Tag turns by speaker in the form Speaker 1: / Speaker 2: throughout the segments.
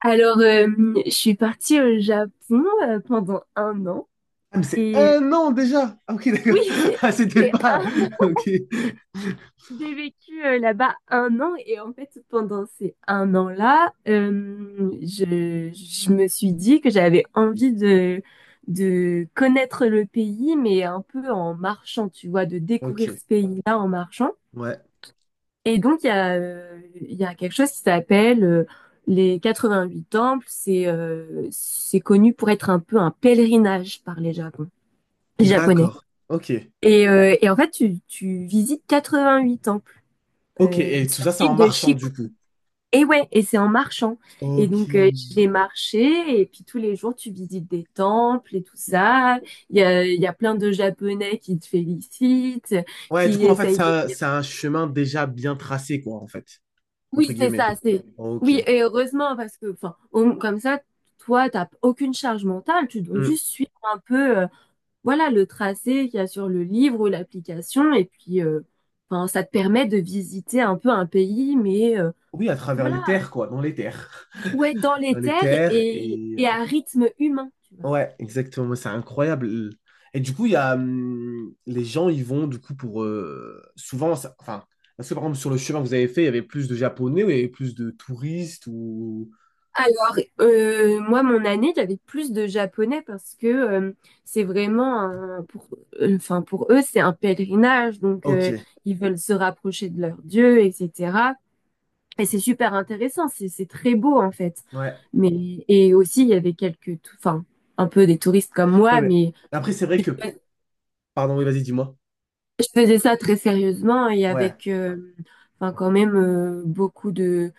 Speaker 1: Alors, je suis partie au Japon pendant un an.
Speaker 2: Ah, mais c'est
Speaker 1: Et euh,
Speaker 2: un an déjà! Ah, ok,
Speaker 1: oui,
Speaker 2: d'accord.
Speaker 1: c'est
Speaker 2: Ah, c'était
Speaker 1: c'est
Speaker 2: pas.
Speaker 1: un an.
Speaker 2: Ok.
Speaker 1: J'ai vécu là-bas un an. Et en fait, pendant ces un an-là, je me suis dit que j'avais envie de connaître le pays, mais un peu en marchant, tu vois, de découvrir
Speaker 2: Ok.
Speaker 1: ce pays-là en marchant.
Speaker 2: Ouais.
Speaker 1: Et donc, il y a quelque chose qui s'appelle les 88 temples. C'est connu pour être un peu un pèlerinage par les les Japonais.
Speaker 2: D'accord. Ok.
Speaker 1: Et en fait, tu visites 88 temples
Speaker 2: Ok. Et tout
Speaker 1: sur
Speaker 2: ça, c'est en
Speaker 1: l'île de
Speaker 2: marchant,
Speaker 1: Shikoku.
Speaker 2: du coup.
Speaker 1: Et ouais, et c'est en marchant. Et
Speaker 2: Ok.
Speaker 1: donc, j'ai marché, et puis tous les jours, tu visites des temples et tout ça. Il y a plein de Japonais qui te félicitent,
Speaker 2: Ouais, du
Speaker 1: qui
Speaker 2: coup, en fait,
Speaker 1: essayent.
Speaker 2: c'est un chemin déjà bien tracé, quoi, en fait. Entre
Speaker 1: Oui, c'est
Speaker 2: guillemets.
Speaker 1: ça, c'est.
Speaker 2: Ok.
Speaker 1: Oui, et heureusement, parce que, enfin, comme ça, toi, t'as aucune charge mentale, tu dois
Speaker 2: Hmm.
Speaker 1: juste suivre un peu, voilà, le tracé qu'il y a sur le livre ou l'application, et puis, enfin, ça te permet de visiter un peu un pays, mais,
Speaker 2: Oui, à travers les
Speaker 1: voilà,
Speaker 2: terres, quoi. Dans les terres.
Speaker 1: ouais, dans
Speaker 2: Dans
Speaker 1: les
Speaker 2: les
Speaker 1: terres
Speaker 2: terres.
Speaker 1: et,
Speaker 2: Et
Speaker 1: et à rythme humain, tu vois.
Speaker 2: ouais, exactement. C'est incroyable. Et du coup, il y a les gens, ils vont du coup pour souvent, enfin, parce que par exemple sur le chemin que vous avez fait, il y avait plus de Japonais ou il y avait plus de touristes ou...
Speaker 1: Alors, moi, mon année, j'avais plus de japonais parce que c'est vraiment un, pour, enfin, pour eux, c'est un pèlerinage, donc
Speaker 2: Ok,
Speaker 1: ils veulent se rapprocher de leur Dieu, etc. Et c'est super intéressant, c'est très beau en fait.
Speaker 2: ouais,
Speaker 1: Mais et aussi, il y avait enfin, un peu des touristes comme
Speaker 2: ouais,
Speaker 1: moi,
Speaker 2: mais
Speaker 1: mais
Speaker 2: après c'est vrai que, pardon, oui, vas-y, dis-moi.
Speaker 1: je faisais ça très sérieusement et
Speaker 2: Ouais.
Speaker 1: avec enfin quand même beaucoup de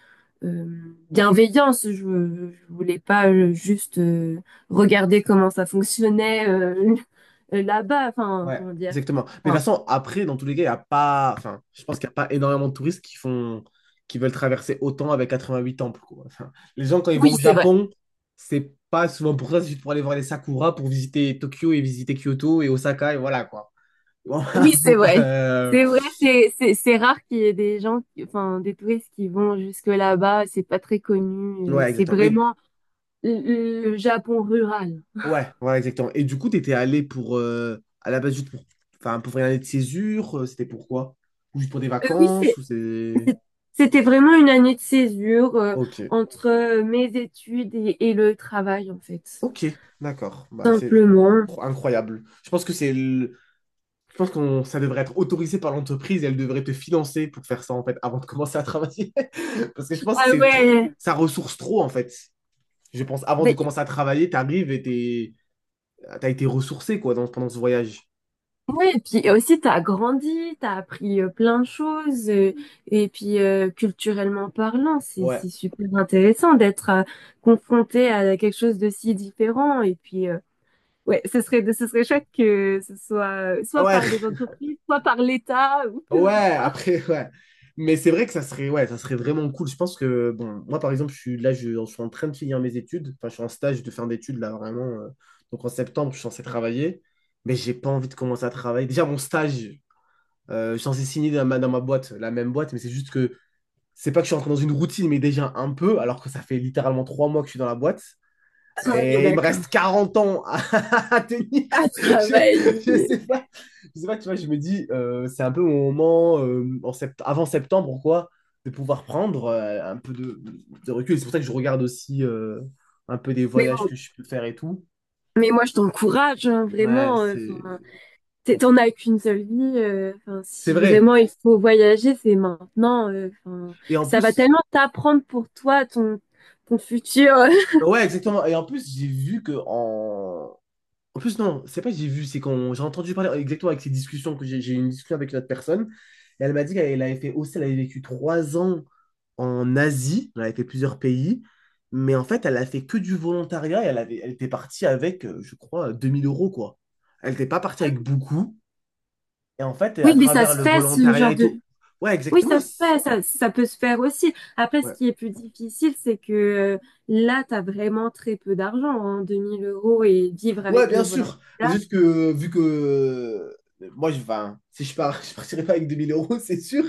Speaker 1: euh, bienveillance. Je voulais pas juste regarder comment ça fonctionnait là-bas. Enfin,
Speaker 2: Ouais,
Speaker 1: comment dire?
Speaker 2: exactement. Mais de toute
Speaker 1: Enfin,
Speaker 2: façon, après, dans tous les cas, il y a pas. Enfin, je pense qu'il n'y a pas énormément de touristes qui font... qui veulent traverser autant avec 88 temples, quoi. Enfin, les gens, quand ils vont
Speaker 1: oui,
Speaker 2: au
Speaker 1: c'est vrai.
Speaker 2: Japon, c'est pas souvent pour ça, c'est juste pour aller voir les Sakura, pour visiter Tokyo et visiter Kyoto et Osaka, et voilà, quoi. Voilà.
Speaker 1: Oui, c'est
Speaker 2: Pour,
Speaker 1: vrai. C'est vrai, c'est rare qu'il y ait des gens, enfin des touristes qui vont jusque là-bas. C'est pas très connu.
Speaker 2: ouais,
Speaker 1: C'est
Speaker 2: exactement. Mais
Speaker 1: vraiment le Japon rural.
Speaker 2: ouais, ouais, exactement. Et du coup, t'étais allé pour à la base juste pour enfin pour faire une année de césure, c'était pourquoi? Ou juste pour des
Speaker 1: Oui,
Speaker 2: vacances ou c'est...
Speaker 1: C'est- c'était vraiment une année de césure
Speaker 2: OK.
Speaker 1: entre mes études et le travail, en fait.
Speaker 2: Ok, d'accord. Bah, c'est
Speaker 1: Simplement.
Speaker 2: incroyable. Je pense que je pense qu'on ça devrait être autorisé par l'entreprise et elle devrait te financer pour faire ça en fait avant de commencer à travailler. Parce que je pense que
Speaker 1: Ah
Speaker 2: c'est trop
Speaker 1: ouais.
Speaker 2: ça ressource trop en fait. Je pense avant de
Speaker 1: Ben,
Speaker 2: commencer à travailler, t'arrives et t'as été ressourcé quoi pendant ce voyage.
Speaker 1: ouais, et puis aussi, t'as grandi, t'as appris plein de choses. Et puis, culturellement parlant, c'est
Speaker 2: Ouais.
Speaker 1: c'est super intéressant d'être confronté à quelque chose de si différent. Et puis, ouais, ce serait chouette que ce soit
Speaker 2: Ah
Speaker 1: soit
Speaker 2: ouais,
Speaker 1: par les entreprises, soit par l'État, ou peu
Speaker 2: ouais,
Speaker 1: importe.
Speaker 2: après, ouais. Mais c'est vrai que ça serait, ouais, ça serait vraiment cool. Je pense que, bon, moi, par exemple, je suis là, je suis en train de finir mes études. Enfin, je suis en stage de fin d'études, là, vraiment. Donc, en septembre, je suis censé travailler. Mais j'ai pas envie de commencer à travailler. Déjà, mon stage, je suis censé signer dans ma boîte, la même boîte. Mais c'est juste que, c'est pas que je suis entré dans une routine, mais déjà un peu, alors que ça fait littéralement 3 mois que je suis dans la boîte.
Speaker 1: Ah oui,
Speaker 2: Et il me
Speaker 1: d'accord.
Speaker 2: reste 40 ans à, à tenir. Je
Speaker 1: Travail.
Speaker 2: sais pas. Je sais pas, tu vois, je me dis, c'est un peu mon moment en avant septembre, quoi, de pouvoir prendre un peu de recul. C'est pour ça que je regarde aussi un peu des
Speaker 1: Mais
Speaker 2: voyages que je peux faire et tout.
Speaker 1: Mais moi, je t'encourage, hein,
Speaker 2: Ouais,
Speaker 1: vraiment. Enfin, t'en as qu'une seule vie. 'Fin,
Speaker 2: c'est
Speaker 1: si
Speaker 2: vrai.
Speaker 1: vraiment il faut voyager, c'est maintenant. 'Fin,
Speaker 2: Et en
Speaker 1: ça va
Speaker 2: plus,
Speaker 1: tellement t'apprendre pour toi, ton futur.
Speaker 2: ouais, exactement. Et en plus, j'ai vu que en en plus, non, c'est pas que j'ai vu, c'est quand j'ai entendu parler exactement avec ces discussions, que j'ai eu une discussion avec une autre personne, et elle m'a dit qu'elle avait fait aussi, elle avait vécu 3 ans en Asie, elle avait fait plusieurs pays, mais en fait, elle a fait que du volontariat et elle était partie avec, je crois, 2000 euros, quoi. Elle n'était pas partie avec beaucoup, et en fait, à
Speaker 1: Oui, mais ça
Speaker 2: travers
Speaker 1: se
Speaker 2: le
Speaker 1: fait, ce
Speaker 2: volontariat
Speaker 1: genre
Speaker 2: et tout,
Speaker 1: de.
Speaker 2: ouais,
Speaker 1: Oui,
Speaker 2: exactement,
Speaker 1: ça se fait, ça peut se faire aussi. Après, ce
Speaker 2: ouais.
Speaker 1: qui est plus difficile, c'est que là, t'as vraiment très peu d'argent, hein, 2 000 € et vivre
Speaker 2: Ouais,
Speaker 1: avec le
Speaker 2: bien
Speaker 1: volant.
Speaker 2: sûr. Mais
Speaker 1: Là,
Speaker 2: juste que, vu que enfin, si je pars, je partirai pas avec 2000 euros, c'est sûr.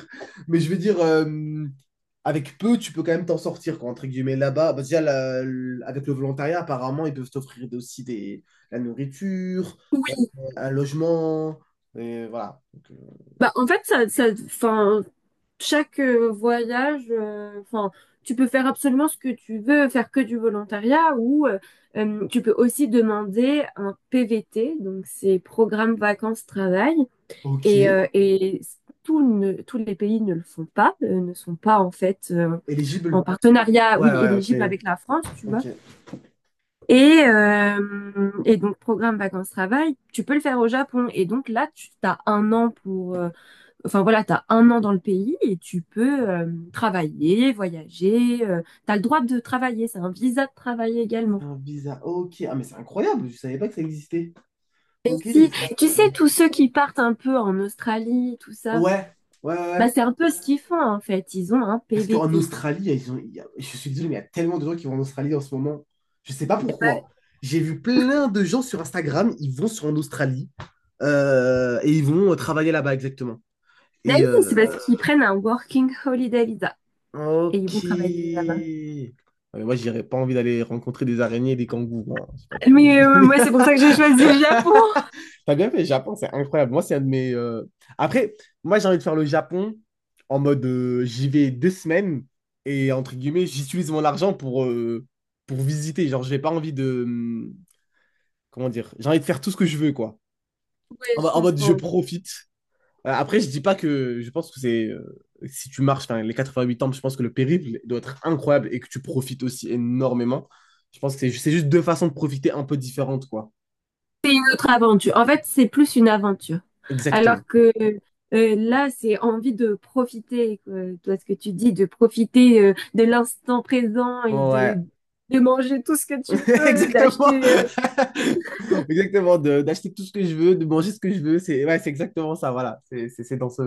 Speaker 2: Mais je veux dire, avec peu, tu peux quand même t'en sortir, quoi, entre guillemets, là-bas. Bah, déjà, avec le volontariat, apparemment, ils peuvent t'offrir aussi des, la nourriture, euh,
Speaker 1: oui.
Speaker 2: un logement. Et voilà. Donc,
Speaker 1: Bah, en fait, ça, 'fin, chaque voyage, enfin, tu peux faire absolument ce que tu veux, faire que du volontariat ou tu peux aussi demander un PVT, donc c'est programme vacances-travail. Et,
Speaker 2: ok.
Speaker 1: euh, et tous les pays ne le font pas, ne sont pas en fait en
Speaker 2: Éligible.
Speaker 1: partenariat,
Speaker 2: Ouais,
Speaker 1: oui,
Speaker 2: ouais, ok.
Speaker 1: éligible avec la France, tu
Speaker 2: Ok.
Speaker 1: vois.
Speaker 2: C'est
Speaker 1: Et donc, programme vacances-travail, tu peux le faire au Japon. Et donc là, tu as un an enfin voilà, tu as un an dans le pays et tu peux travailler, voyager. Tu as le droit de travailler, c'est un visa de travail également.
Speaker 2: un visa. Ok. Ah, mais c'est incroyable. Je savais pas que ça existait.
Speaker 1: Et
Speaker 2: Ok.
Speaker 1: si, tu sais,
Speaker 2: Ouais.
Speaker 1: tous ceux qui partent un peu en Australie, tout ça,
Speaker 2: Ouais, ouais.
Speaker 1: bah
Speaker 2: Ouais.
Speaker 1: c'est un peu ce qu'ils font en fait. Ils ont un
Speaker 2: Parce qu'en
Speaker 1: PVT.
Speaker 2: Australie, ils ont- il y a- je suis désolé, mais il y a tellement de gens qui vont en Australie en ce moment. Je sais pas
Speaker 1: Ouais.
Speaker 2: pourquoi. J'ai vu plein de gens sur Instagram, ils vont sur en Australie et ils vont travailler là-bas exactement.
Speaker 1: Bah
Speaker 2: Et
Speaker 1: oui, c'est parce qu'ils prennent un Working Holiday Visa et
Speaker 2: ok.
Speaker 1: ils vont travailler là-bas.
Speaker 2: Ouais, mais moi, j'aurais pas envie d'aller rencontrer des araignées et des kangourous, hein. C'est pas trop mon
Speaker 1: Mais
Speaker 2: délire.
Speaker 1: moi, c'est pour ça que j'ai choisi le Japon.
Speaker 2: T'as bien fait, le Japon, c'est incroyable. Moi, c'est un de mes. Après, moi, j'ai envie de faire le Japon en mode j'y vais 2 semaines et entre guillemets, j'utilise mon argent pour visiter. Genre, j'ai pas envie de. Comment dire? J'ai envie de faire tout ce que je veux, quoi.
Speaker 1: Ouais,
Speaker 2: En,
Speaker 1: je
Speaker 2: en mode je
Speaker 1: comprends.
Speaker 2: profite. Après, je dis pas que. Je pense que c'est. Si tu marches, enfin, les 8 ans, je pense que le périple doit être incroyable et que tu profites aussi énormément. Je pense que c'est juste deux façons de profiter un peu différentes, quoi.
Speaker 1: Autre aventure. En fait, c'est plus une aventure.
Speaker 2: Exactement.
Speaker 1: Alors que là, c'est envie de profiter, quoi. Toi, ce que tu dis, de profiter de l'instant présent et
Speaker 2: Ouais.
Speaker 1: de manger tout ce que tu peux, d'acheter.
Speaker 2: Exactement.
Speaker 1: euh,
Speaker 2: Exactement. D'acheter tout ce que je veux, de manger ce que je veux. C'est ouais, c'est exactement ça. Voilà. C'est dans ce,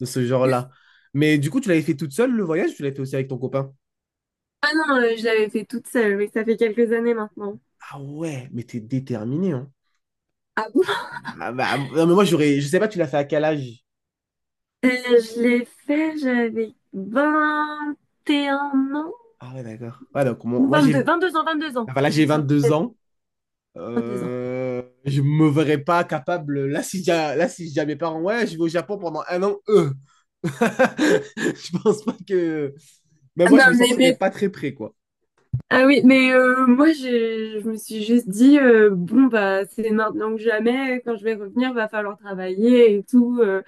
Speaker 2: de ce genre-là. Mais du coup, tu l'avais fait toute seule le voyage ou tu l'avais fait aussi avec ton copain?
Speaker 1: Ah non, je l'avais fait toute seule, mais ça fait quelques années maintenant.
Speaker 2: Ah ouais, mais t'es déterminé, hein.
Speaker 1: Ah bon?
Speaker 2: Ah bah, non, mais moi, j'aurais. Je sais pas, tu l'as fait à quel âge?
Speaker 1: Je l'ai fait, j'avais 21 ans.
Speaker 2: Ah ouais, d'accord. Ouais, donc,
Speaker 1: Ou
Speaker 2: moi,
Speaker 1: 22.
Speaker 2: j'ai.
Speaker 1: 22 ans, 22 ans.
Speaker 2: Enfin, là,
Speaker 1: Je
Speaker 2: j'ai 22
Speaker 1: sortais
Speaker 2: ans.
Speaker 1: de 2 ans.
Speaker 2: Je me verrais pas capable. Là, si j'ai à mes parents, ouais, je vais au Japon pendant un an, eux. Je pense pas que. Mais
Speaker 1: Ah
Speaker 2: moi,
Speaker 1: Non,
Speaker 2: je me
Speaker 1: mais,
Speaker 2: sentirais
Speaker 1: mais
Speaker 2: pas très prêt, quoi.
Speaker 1: Ah oui, mais je me suis juste dit bon bah c'est maintenant que jamais, quand je vais revenir, va falloir travailler et tout.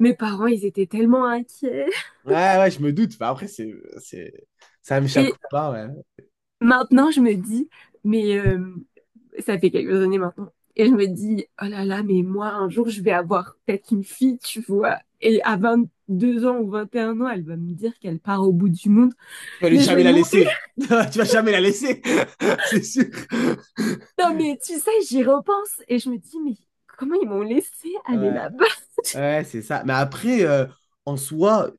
Speaker 1: Mes parents, ils étaient tellement inquiets.
Speaker 2: Ouais, ouais, je me doute. Bah, après, c'est, ça me choque
Speaker 1: Et
Speaker 2: pas, ouais.
Speaker 1: maintenant je me dis mais ça fait quelques années maintenant. Et je me dis oh là là, mais moi un jour je vais avoir peut-être une fille, tu vois. Et à 22 ans ou 21 ans, elle va me dire qu'elle part au bout du monde. Mais je vais
Speaker 2: Jamais la
Speaker 1: mourir.
Speaker 2: laisser. Tu vas jamais la laisser, c'est sûr.
Speaker 1: Non mais tu sais, j'y repense et je me dis mais comment ils m'ont laissé aller
Speaker 2: Ouais.
Speaker 1: là-bas?
Speaker 2: Ouais, c'est ça. Mais après, en soi,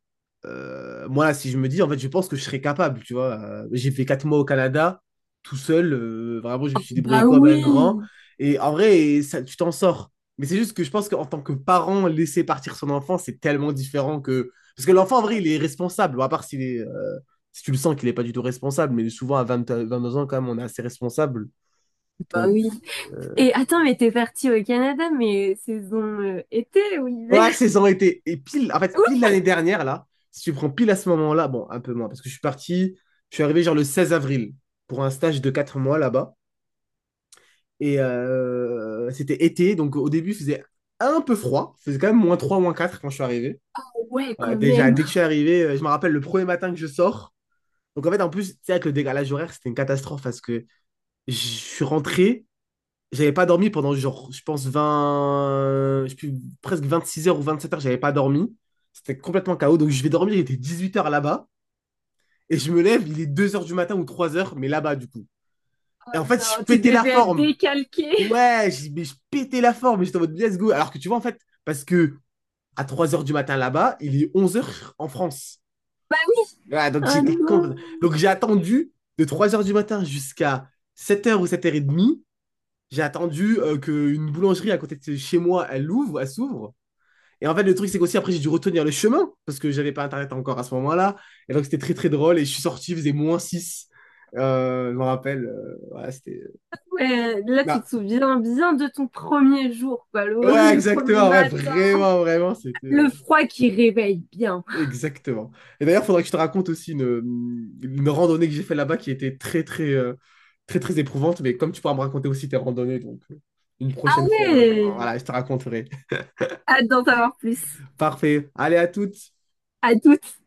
Speaker 2: moi, là, si je me dis, en fait, je pense que je serais capable, tu vois. J'ai fait 4 mois au Canada, tout seul. Vraiment, je me suis
Speaker 1: Bah
Speaker 2: débrouillé comme un
Speaker 1: oui,
Speaker 2: grand. Et en vrai, ça, tu t'en sors. Mais c'est juste que je pense qu'en tant que parent, laisser partir son enfant, c'est tellement différent que... Parce que l'enfant, en vrai, il est responsable. Bon, à part s'il est, si tu le sens qu'il n'est pas du tout responsable. Mais souvent, à vingt deux ans, quand même, on est assez responsable.
Speaker 1: bah oui. Et attends, mais t'es partie au Canada, mais saison été ou hiver?
Speaker 2: Ouais, saison été. Et pile, en fait, pile
Speaker 1: Ouf!
Speaker 2: l'année dernière, là, si tu prends pile à ce moment-là, bon, un peu moins, parce que je suis arrivé genre le 16 avril pour un stage de 4 mois là-bas. Et c'était été, donc au début, il faisait un peu froid. Il faisait quand même -3, -4 quand je suis arrivé.
Speaker 1: Ouais,
Speaker 2: Ouais,
Speaker 1: quand
Speaker 2: déjà,
Speaker 1: même.
Speaker 2: dès que je suis arrivé, je me rappelle le premier matin que je sors. Donc en fait, en plus, tu sais, avec le décalage horaire, c'était une catastrophe parce que je suis rentré, j'avais pas dormi pendant genre, je pense, 20 je sais plus, presque 6 heures ou 27 heures, j'avais pas dormi. C'était complètement chaos. Donc je vais dormir, il était 8 heures là-bas. Et je me lève, il est 2 heures du matin ou 3 heures, mais là-bas du coup.
Speaker 1: Oh
Speaker 2: Et en fait, je
Speaker 1: non, tu
Speaker 2: pétais la
Speaker 1: devais être
Speaker 2: forme.
Speaker 1: décalqué.
Speaker 2: Ouais, mais je pétais la forme. Et j'étais en mode let's go. Alors que tu vois, en fait, parce que à 3 heures du matin là-bas, il est 11 heures en France. Ouais,
Speaker 1: Oh non!
Speaker 2: donc j'ai attendu de 3 heures du matin jusqu'à 7 heures ou 7h30. J'ai attendu qu'une boulangerie à côté de chez moi, elle s'ouvre. Et en fait, le truc, c'est qu'aussi, après, j'ai dû retenir le chemin parce que j'avais pas Internet encore à ce moment-là. Et donc, c'était très, très drôle. Et je suis sorti, il faisait -6, je me rappelle. Voilà, c'était.
Speaker 1: Ouais, là, tu te
Speaker 2: Bah,
Speaker 1: souviens bien de ton premier jour, quoi,
Speaker 2: ouais,
Speaker 1: le premier
Speaker 2: exactement. Ouais,
Speaker 1: matin.
Speaker 2: vraiment, vraiment. C'était.
Speaker 1: Le froid qui réveille bien.
Speaker 2: Exactement. Et d'ailleurs, faudrait que je te raconte aussi une randonnée que j'ai fait là-bas qui était très, très éprouvante. Mais comme tu pourras me raconter aussi tes randonnées, donc une prochaine fois,
Speaker 1: Ouais.
Speaker 2: voilà, je te raconterai.
Speaker 1: Hâte d'en savoir plus.
Speaker 2: Parfait. Allez, à toutes.
Speaker 1: À toutes.